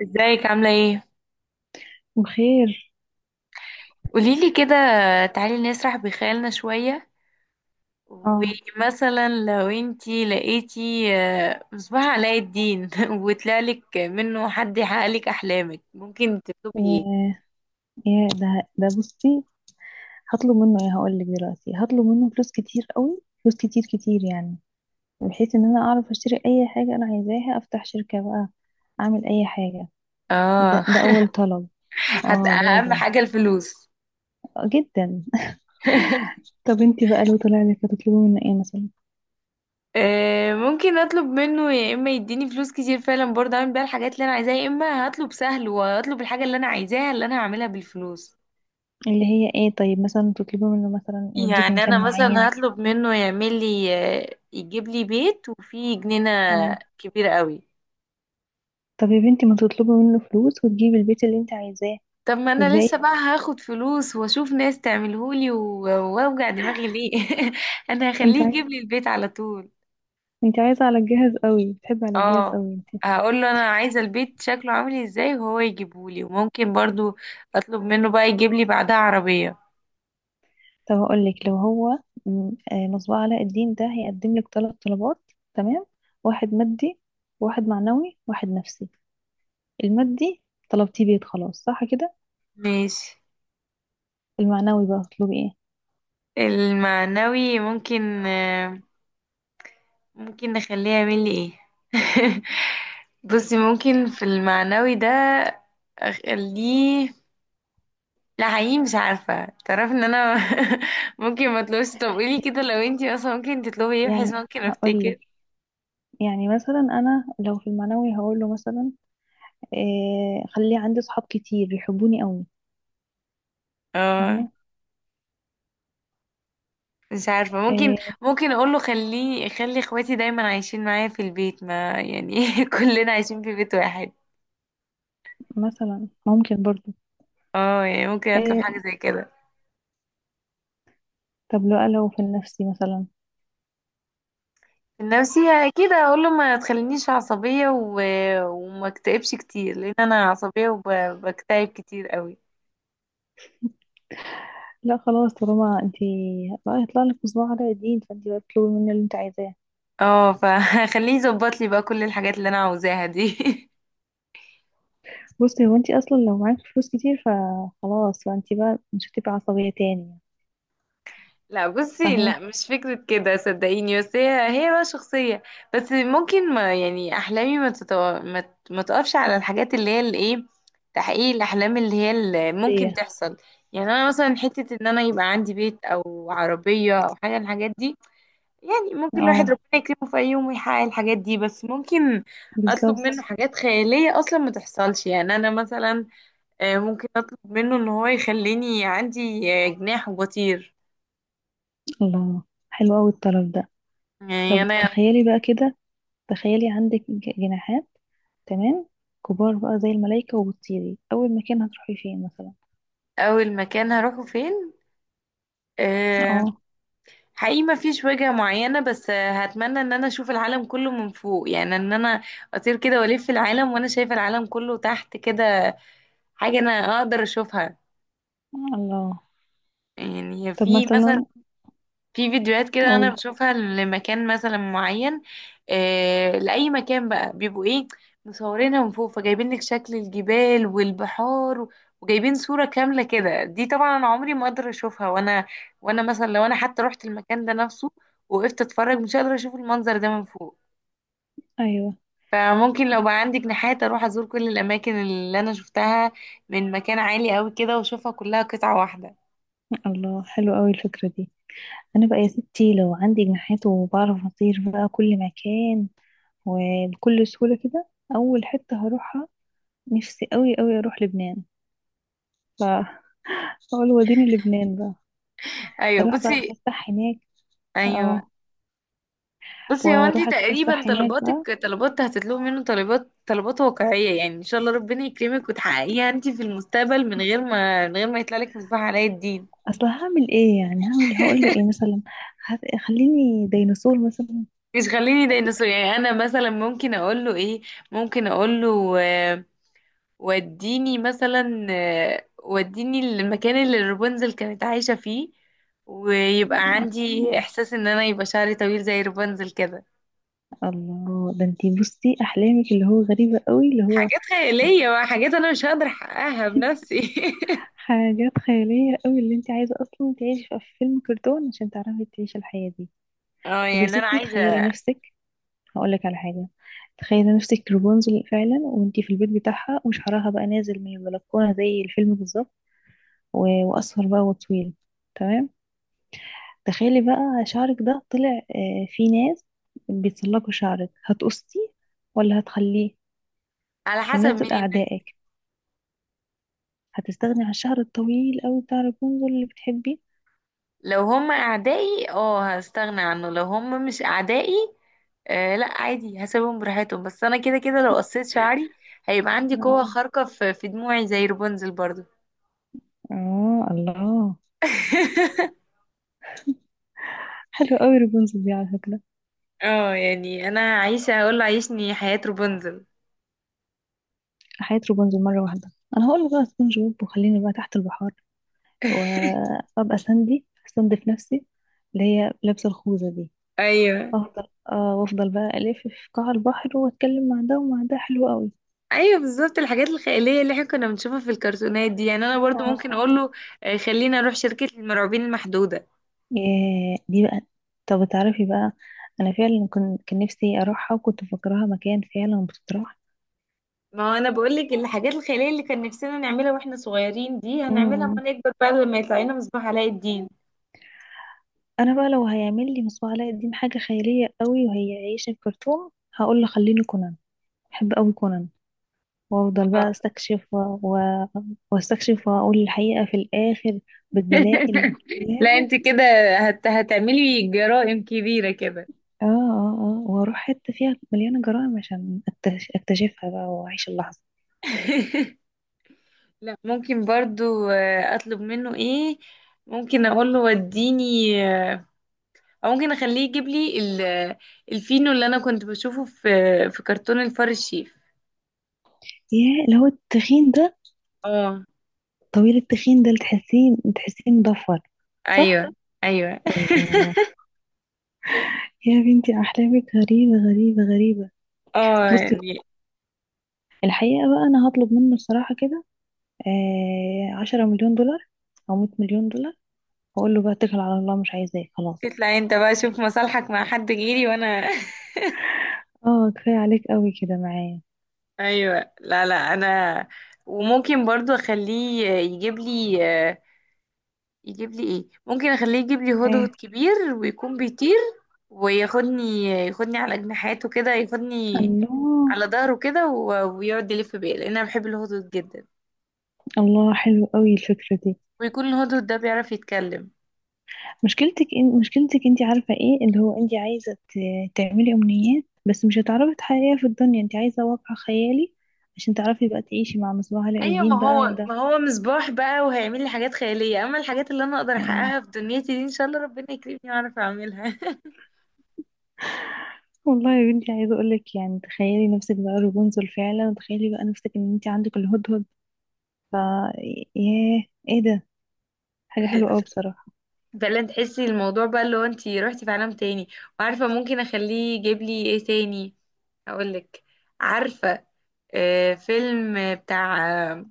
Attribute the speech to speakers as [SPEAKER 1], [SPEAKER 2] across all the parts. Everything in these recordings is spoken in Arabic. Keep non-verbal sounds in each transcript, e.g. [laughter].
[SPEAKER 1] ازيك عاملة ايه؟
[SPEAKER 2] بخير.
[SPEAKER 1] قوليلي كده. تعالي نسرح بخيالنا شوية،
[SPEAKER 2] اه.
[SPEAKER 1] ومثلا لو انتي لقيتي مصباح علاء الدين [laughs] وطلعلك منه حد يحققلك أحلامك، ممكن تكتبي ايه؟
[SPEAKER 2] ياه ياه ده ده بصي، هطلب منه ايه؟ هقول لك دلوقتي، هطلب منه فلوس كتير قوي، فلوس كتير كتير يعني، بحيث ان انا اعرف اشتري اي حاجه انا عايزاها، افتح شركه بقى، اعمل اي حاجه.
[SPEAKER 1] اه.
[SPEAKER 2] ده اول طلب.
[SPEAKER 1] [laughs]
[SPEAKER 2] اه
[SPEAKER 1] أهم
[SPEAKER 2] لازم،
[SPEAKER 1] حاجة الفلوس.
[SPEAKER 2] آه، جدا.
[SPEAKER 1] [laughs]
[SPEAKER 2] طب انتي بقى لو طلع لك هتطلبي منه ايه مثلا؟
[SPEAKER 1] ممكن أطلب منه يا إما يديني فلوس كتير فعلا برضه أعمل بيها الحاجات اللي أنا عايزاها، يا إما هطلب سهل وأطلب الحاجة اللي أنا عايزاها اللي أنا هعملها بالفلوس.
[SPEAKER 2] اللي هي ايه؟ طيب مثلا تطلبي منه مثلا يوديكي
[SPEAKER 1] يعني انا
[SPEAKER 2] مكان
[SPEAKER 1] مثلا
[SPEAKER 2] معين.
[SPEAKER 1] هطلب منه يعمل لي، يجيب لي بيت وفيه جنينة
[SPEAKER 2] اه.
[SPEAKER 1] كبيرة قوي.
[SPEAKER 2] طب يا بنتي ما تطلبي منه فلوس وتجيبي البيت اللي انت عايزاه
[SPEAKER 1] طب ما انا لسه
[SPEAKER 2] والباقي؟
[SPEAKER 1] بقى هاخد فلوس واشوف ناس تعملهولي، واوجع دماغي ليه؟ [laughs] انا
[SPEAKER 2] انت
[SPEAKER 1] هخليه يجيب لي البيت على طول.
[SPEAKER 2] انت عايزة على الجهاز قوي، بتحبي على الجهاز
[SPEAKER 1] اه،
[SPEAKER 2] قوي انت.
[SPEAKER 1] هقول له انا عايزة البيت شكله عامل ازاي وهو يجيبهولي، وممكن برضو اطلب منه بقى يجيب لي بعدها عربية.
[SPEAKER 2] طب هقول لك، لو هو مصباح علاء الدين ده هيقدم لك 3 طلبات. تمام؟ واحد مادي، واحد معنوي، واحد نفسي. المادي طلبتيه بيت خلاص، صح كده؟
[SPEAKER 1] ماشي.
[SPEAKER 2] المعنوي بقى هتطلبي ايه؟
[SPEAKER 1] المعنوي ممكن نخليه يعمل لي ايه؟ [laughs] بصي، ممكن في المعنوي ده اخليه. لا حقيقي مش عارفة، تعرف ان انا. [laughs] ممكن ما اطلبش. طب قولي كده، لو انتي اصلا ممكن تطلبي ايه بحيث
[SPEAKER 2] يعني
[SPEAKER 1] ممكن
[SPEAKER 2] هقول
[SPEAKER 1] افتكر؟
[SPEAKER 2] لك، يعني مثلا انا لو في المعنوي هقول له مثلا إيه، خلي عندي صحاب كتير يحبوني قوي.
[SPEAKER 1] اه،
[SPEAKER 2] فاهمه؟
[SPEAKER 1] مش عارفة. ممكن
[SPEAKER 2] إيه
[SPEAKER 1] ممكن اقوله خلي اخواتي دايما عايشين معايا في البيت، ما يعني [laughs] كلنا عايشين في بيت واحد.
[SPEAKER 2] مثلا، ممكن برضو.
[SPEAKER 1] اه، يعني ممكن اطلب
[SPEAKER 2] إيه،
[SPEAKER 1] حاجة زي كده.
[SPEAKER 2] طب لو في النفسي مثلا؟
[SPEAKER 1] النفسية أكيد هقول له ما تخلينيش عصبية، و... وما اكتئبش كتير، لأن أنا عصبية وبكتئب كتير قوي.
[SPEAKER 2] لا خلاص، طالما انتي بقى هيطلع لك مصباح علاء الدين فانتي بقى تطلبي منه اللي انت عايزاه.
[SPEAKER 1] اه، فخليه [laughs] يظبط لي بقى كل الحاجات اللي أنا عاوزاها دي.
[SPEAKER 2] بصي، هو انتي اصلا لو معاكي فلوس كتير فخلاص، فانتي بقى مش هتبقي عصبية تاني يعني.
[SPEAKER 1] [laughs] لا بصي، لا،
[SPEAKER 2] فاهمة؟
[SPEAKER 1] مش فكرة كده صدقيني، بس هي بقى شخصية. بس ممكن، ما يعني، أحلامي ما, تتو... ما... ت- ما تقفش على الحاجات اللي هي الإيه، تحقيق الأحلام اللي هي اللي ممكن
[SPEAKER 2] ايه؟
[SPEAKER 1] تحصل. يعني أنا مثلا حتة إن أنا يبقى عندي بيت أو عربية أو حاجة من الحاجات دي، يعني ممكن الواحد
[SPEAKER 2] اه
[SPEAKER 1] ربنا يكرمه في أي يوم ويحقق الحاجات دي. بس ممكن أطلب منه
[SPEAKER 2] بالظبط.
[SPEAKER 1] حاجات خيالية أصلا ما تحصلش. يعني أنا مثلا ممكن أطلب منه إن هو يخليني عندي، جناح وبطير.
[SPEAKER 2] الله، حلو اوي الطلب ده.
[SPEAKER 1] يعني
[SPEAKER 2] طب
[SPEAKER 1] أنا
[SPEAKER 2] تخيلي بقى كده، تخيلي عندك جناحات، تمام، كبار بقى زي الملايكة، وبتطيري. اول مكان هتروحي فين مثلا؟
[SPEAKER 1] أول مكان هروحه فين؟ آه،
[SPEAKER 2] اه.
[SPEAKER 1] حقيقي ما فيش وجهة معينة، بس هتمنى إن أنا أشوف العالم كله من فوق، يعني إن أنا أطير كده وألف العالم وأنا شايفة العالم كله تحت كده. حاجة أنا أقدر أشوفها.
[SPEAKER 2] الله.
[SPEAKER 1] يعني
[SPEAKER 2] طب
[SPEAKER 1] في مثلا،
[SPEAKER 2] مثلا،
[SPEAKER 1] في فيديوهات كده انا
[SPEAKER 2] قولي.
[SPEAKER 1] بشوفها لمكان مثلا معين. لاي مكان بقى بيبقوا ايه، مصورينها من فوق، فجايبين لك شكل الجبال والبحار، وجايبين صورة كاملة كده. دي طبعا انا عمري ما اقدر اشوفها، وانا مثلا لو انا حتى رحت المكان ده نفسه، وقفت اتفرج، مش هقدر اشوف المنظر ده من فوق.
[SPEAKER 2] ايوه.
[SPEAKER 1] فممكن لو بقى عندك نحات، اروح ازور كل الاماكن اللي انا شفتها من مكان عالي قوي كده، واشوفها كلها قطعة واحدة.
[SPEAKER 2] الله، حلو اوي الفكرة دي. انا بقى يا ستي لو عندي جناحات وبعرف اطير بقى كل مكان، وبكل سهولة كده، اول حتة هروحها، نفسي قوي قوي اروح لبنان. فاقول وديني لبنان بقى،
[SPEAKER 1] ايوه
[SPEAKER 2] اروح بقى
[SPEAKER 1] بصي
[SPEAKER 2] اتفسح هناك.
[SPEAKER 1] ايوه
[SPEAKER 2] اه،
[SPEAKER 1] بصي هو انتي
[SPEAKER 2] واروح
[SPEAKER 1] تقريبا
[SPEAKER 2] اتفسح هناك بقى.
[SPEAKER 1] طلباتك طلبات، هتطلبي منه طلبات واقعية، يعني ان شاء الله ربنا يكرمك وتحققيها انتي في المستقبل من غير ما يطلع لك مصباح علاء الدين.
[SPEAKER 2] اصل هعمل ايه يعني؟ هعمل إيه؟ هقول له ايه
[SPEAKER 1] [laughs]
[SPEAKER 2] مثلا؟ خليني ديناصور مثلا؟
[SPEAKER 1] مش خليني ديناصور. يعني انا مثلا ممكن اقول له ايه، ممكن اقول له آه، وديني مثلا آه، وديني المكان اللي رابنزل كانت عايشة فيه، ويبقى عندي احساس ان انا يبقى شعري طويل زي رابنزل كده.
[SPEAKER 2] الله، ده انتي بصي احلامك اللي هو غريبة قوي اللي هو
[SPEAKER 1] حاجات خيالية بقى، حاجات انا مش هقدر احققها بنفسي. [laughs]
[SPEAKER 2] حاجات خيالية قوي. اللي انت عايزة اصلا تعيشي في فيلم كرتون عشان تعرفي تعيشي الحياة دي.
[SPEAKER 1] اه،
[SPEAKER 2] طب يا
[SPEAKER 1] يعني انا
[SPEAKER 2] ستي تخيلي
[SPEAKER 1] عايزه.
[SPEAKER 2] نفسك، هقولك على حاجة. تخيلي نفسك رابونزل فعلا، وانت في البيت بتاعها وشعرها بقى نازل من البلكونة زي الفيلم بالظبط، واصفر بقى وطويل، تمام. تخيلي بقى شعرك ده طلع، آه، في ناس بيتسلقوا شعرك، هتقصيه ولا هتخليه؟
[SPEAKER 1] على
[SPEAKER 2] والناس
[SPEAKER 1] حسب مين
[SPEAKER 2] دول
[SPEAKER 1] الناس.
[SPEAKER 2] اعدائك. هتستغني عن الشعر الطويل قوي بتاع رابونزل اللي بتحبيه؟
[SPEAKER 1] لو هم اعدائي، اه، هستغنى عنه. لو هم مش اعدائي، لا عادي هسيبهم براحتهم. بس انا كده كده لو قصيت شعري هيبقى عندي قوه
[SPEAKER 2] اه.
[SPEAKER 1] خارقه في دموعي زي رابنزل برضو.
[SPEAKER 2] آه الله،
[SPEAKER 1] [laughs]
[SPEAKER 2] حلو قوي رابنزل دي على فكرة.
[SPEAKER 1] اه، يعني انا هعيش، هقول له عيشني حياه رابنزل.
[SPEAKER 2] حياة رابنزل مرة واحدة. أنا هقول بقى سبونج بوب وخليني بقى تحت البحار،
[SPEAKER 1] [laughs]
[SPEAKER 2] وأبقى ساندي أستنزف نفسي، اللي هي لابسة الخوذة دي.
[SPEAKER 1] ايوه،
[SPEAKER 2] أفضل آه وأفضل بقى ألف في قاع البحر وأتكلم مع ده ومع ده. حلو قوي.
[SPEAKER 1] ايوه، بالظبط، الحاجات الخياليه اللي احنا كنا بنشوفها في الكرتونات دي، يعني انا برضو ممكن
[SPEAKER 2] اه.
[SPEAKER 1] اقول له خلينا اروح شركه المرعوبين المحدوده.
[SPEAKER 2] ياه، دي بقى. طب تعرفي بقى، أنا فعلا كنت كان نفسي أروحها وكنت مفكراها مكان فعلا بتتراح.
[SPEAKER 1] ما هو انا بقول لك الحاجات الخياليه اللي كان نفسنا نعملها واحنا صغيرين دي هنعملها
[SPEAKER 2] امم
[SPEAKER 1] لما نكبر بقى، لما يطلع لنا مصباح علاء الدين.
[SPEAKER 2] أنا بقى لو هيعمل لي مصباح علاء الدين حاجة خيالية قوي وهي عايشة في كرتون، هقول له خليني كونان. بحب قوي كونان. وافضل بقى
[SPEAKER 1] آه.
[SPEAKER 2] استكشف واستكشف واقول الحقيقة في الاخر بالدلائل.
[SPEAKER 1] [laughs] لا
[SPEAKER 2] ياه.
[SPEAKER 1] انت كده هتعملي جرائم كبيرة كده.
[SPEAKER 2] اه اه اه، واروح حتة فيها مليانة جرائم عشان اكتشفها بقى واعيش اللحظة.
[SPEAKER 1] [laughs] لا، ممكن برضو اطلب منه ايه. ممكن اقول له وديني، آه، او ممكن اخليه يجيب لي ال... آه، الفينو اللي انا كنت بشوفه في كرتون الفار الشيف.
[SPEAKER 2] ياه، اللي هو التخين ده،
[SPEAKER 1] اه،
[SPEAKER 2] طويل التخين ده، اللي تحسيه تحسيه مضفر. صح.
[SPEAKER 1] ايوه، ايوه. [laughs]
[SPEAKER 2] الله، يا بنتي احلامك غريبة غريبة غريبة.
[SPEAKER 1] اه،
[SPEAKER 2] بصي،
[SPEAKER 1] يعني
[SPEAKER 2] الحقيقة بقى انا هطلب منه الصراحة كده، آه 10 مليون دولار او 100 مليون دولار، واقول له بقى اتكل على الله، مش عايزاه خلاص.
[SPEAKER 1] تطلع انت بقى شوف مصالحك مع حد غيري وانا.
[SPEAKER 2] اه كفاية عليك قوي كده معايا.
[SPEAKER 1] [laughs] ايوه، لا، لا، انا. وممكن برضو اخليه يجيب لي ايه، ممكن اخليه يجيب لي هدهد
[SPEAKER 2] ايه؟
[SPEAKER 1] كبير ويكون بيطير، وياخدني على جناحاته كده، ياخدني
[SPEAKER 2] الله.
[SPEAKER 1] على ظهره كده، ويقعد يلف بيا، لان انا بحب الهدهد جدا،
[SPEAKER 2] الله، حلو قوي الفكرة دي.
[SPEAKER 1] ويكون الهدهد ده بيعرف يتكلم.
[SPEAKER 2] مشكلتك انت عارفة ايه اللي هو انت عايزة تعملي امنيات بس مش هتعرفي تحققيها في الدنيا. انت عايزة واقع خيالي عشان تعرفي بقى تعيشي مع مصباح علاء
[SPEAKER 1] ايوه، ما
[SPEAKER 2] الدين بقى
[SPEAKER 1] هو
[SPEAKER 2] وده.
[SPEAKER 1] ما هو مصباح بقى وهيعمل لي حاجات خياليه. اما الحاجات اللي انا اقدر
[SPEAKER 2] مم.
[SPEAKER 1] احققها في دنيتي دي، ان شاء الله ربنا يكرمني واعرف اعملها.
[SPEAKER 2] والله يا بنتي، عايزة اقولك يعني تخيلي نفسك بقى رابنزل فعلا، وتخيلي بقى نفسك ان انت عندك الهدهد. ف، ياه، ايه ده؟ حاجة حلوة
[SPEAKER 1] [laughs]
[SPEAKER 2] قوي بصراحة.
[SPEAKER 1] فعلا تحسي الموضوع بقى اللي هو انتي روحتي في عالم تاني. وعارفة ممكن اخليه يجيب لي ايه تاني؟ هقولك. عارفة، فيلم بتاع،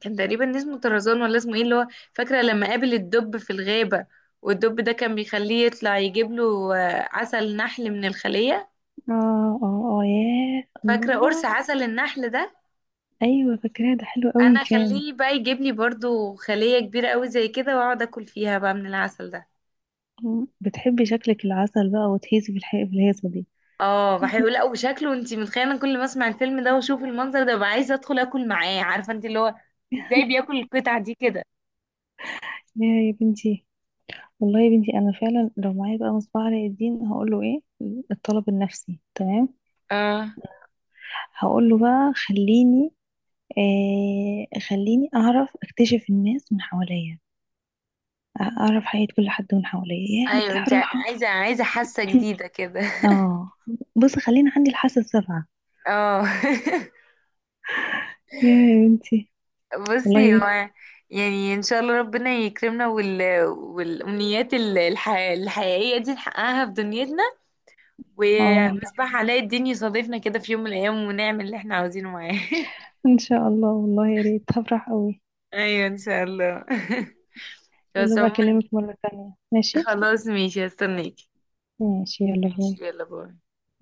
[SPEAKER 1] كان تقريبا اسمه طرزان ولا اسمه ايه اللي هو، فاكرة لما قابل الدب في الغابة، والدب ده كان بيخليه يطلع يجيب له عسل نحل من الخلية.
[SPEAKER 2] اه اه اه، ياه
[SPEAKER 1] فاكرة قرص
[SPEAKER 2] الله.
[SPEAKER 1] عسل النحل ده؟
[SPEAKER 2] ايوه فاكراه، ده حلو قوي
[SPEAKER 1] انا
[SPEAKER 2] كان.
[SPEAKER 1] اخليه بقى يجيب لي برضو خلية كبيرة قوي زي كده، واقعد اكل فيها بقى من العسل ده.
[SPEAKER 2] مم. بتحبي شكلك العسل بقى وتهيسي في الحقيقة في الهيصة دي.
[SPEAKER 1] اه بحب، لا وشكله انت متخيله، انا كل ما اسمع الفيلم ده واشوف المنظر ده ببقى عايزه ادخل اكل معاه. عارفه انت اللي هو
[SPEAKER 2] [laughs]
[SPEAKER 1] ازاي بياكل القطعه دي كده.
[SPEAKER 2] يا بنتي، والله يا بنتي انا فعلا لو معايا بقى مصباح علاء الدين هقول له ايه. الطلب النفسي، تمام،
[SPEAKER 1] اه،
[SPEAKER 2] هقول له بقى خليني، آه خليني اعرف اكتشف الناس من حواليا، اعرف حياة كل حد من حواليا يا
[SPEAKER 1] ايوه،
[SPEAKER 2] هرتاح
[SPEAKER 1] انت
[SPEAKER 2] راحة.
[SPEAKER 1] عايزه حاسه
[SPEAKER 2] [laughs] [clears throat]
[SPEAKER 1] جديده كده.
[SPEAKER 2] اه، بصي خلينا عندي الحاسة السابعة.
[SPEAKER 1] اه.
[SPEAKER 2] يا بنتي،
[SPEAKER 1] [laughs]
[SPEAKER 2] والله يا
[SPEAKER 1] بصي
[SPEAKER 2] بنتي.
[SPEAKER 1] هو، يعني ان شاء الله ربنا يكرمنا، وال... والامنيات الحقيقيه دي نحققها في دنيتنا،
[SPEAKER 2] اه والله،
[SPEAKER 1] ومصباح علاء الدين يصادفنا كده في يوم من الايام ونعمل اللي احنا عاوزينه معاه. [laughs]
[SPEAKER 2] ان شاء الله، والله يا ريت، هفرح قوي.
[SPEAKER 1] ايوه، ان شاء الله. [laughs]
[SPEAKER 2] يلا
[SPEAKER 1] بس
[SPEAKER 2] بقى
[SPEAKER 1] عموما.
[SPEAKER 2] أكلمك مرة تانية، ماشي؟
[SPEAKER 1] خلاص ماشي، هستناك.
[SPEAKER 2] ماشي، يلا
[SPEAKER 1] ماشي،
[SPEAKER 2] باي.
[SPEAKER 1] يلا باي.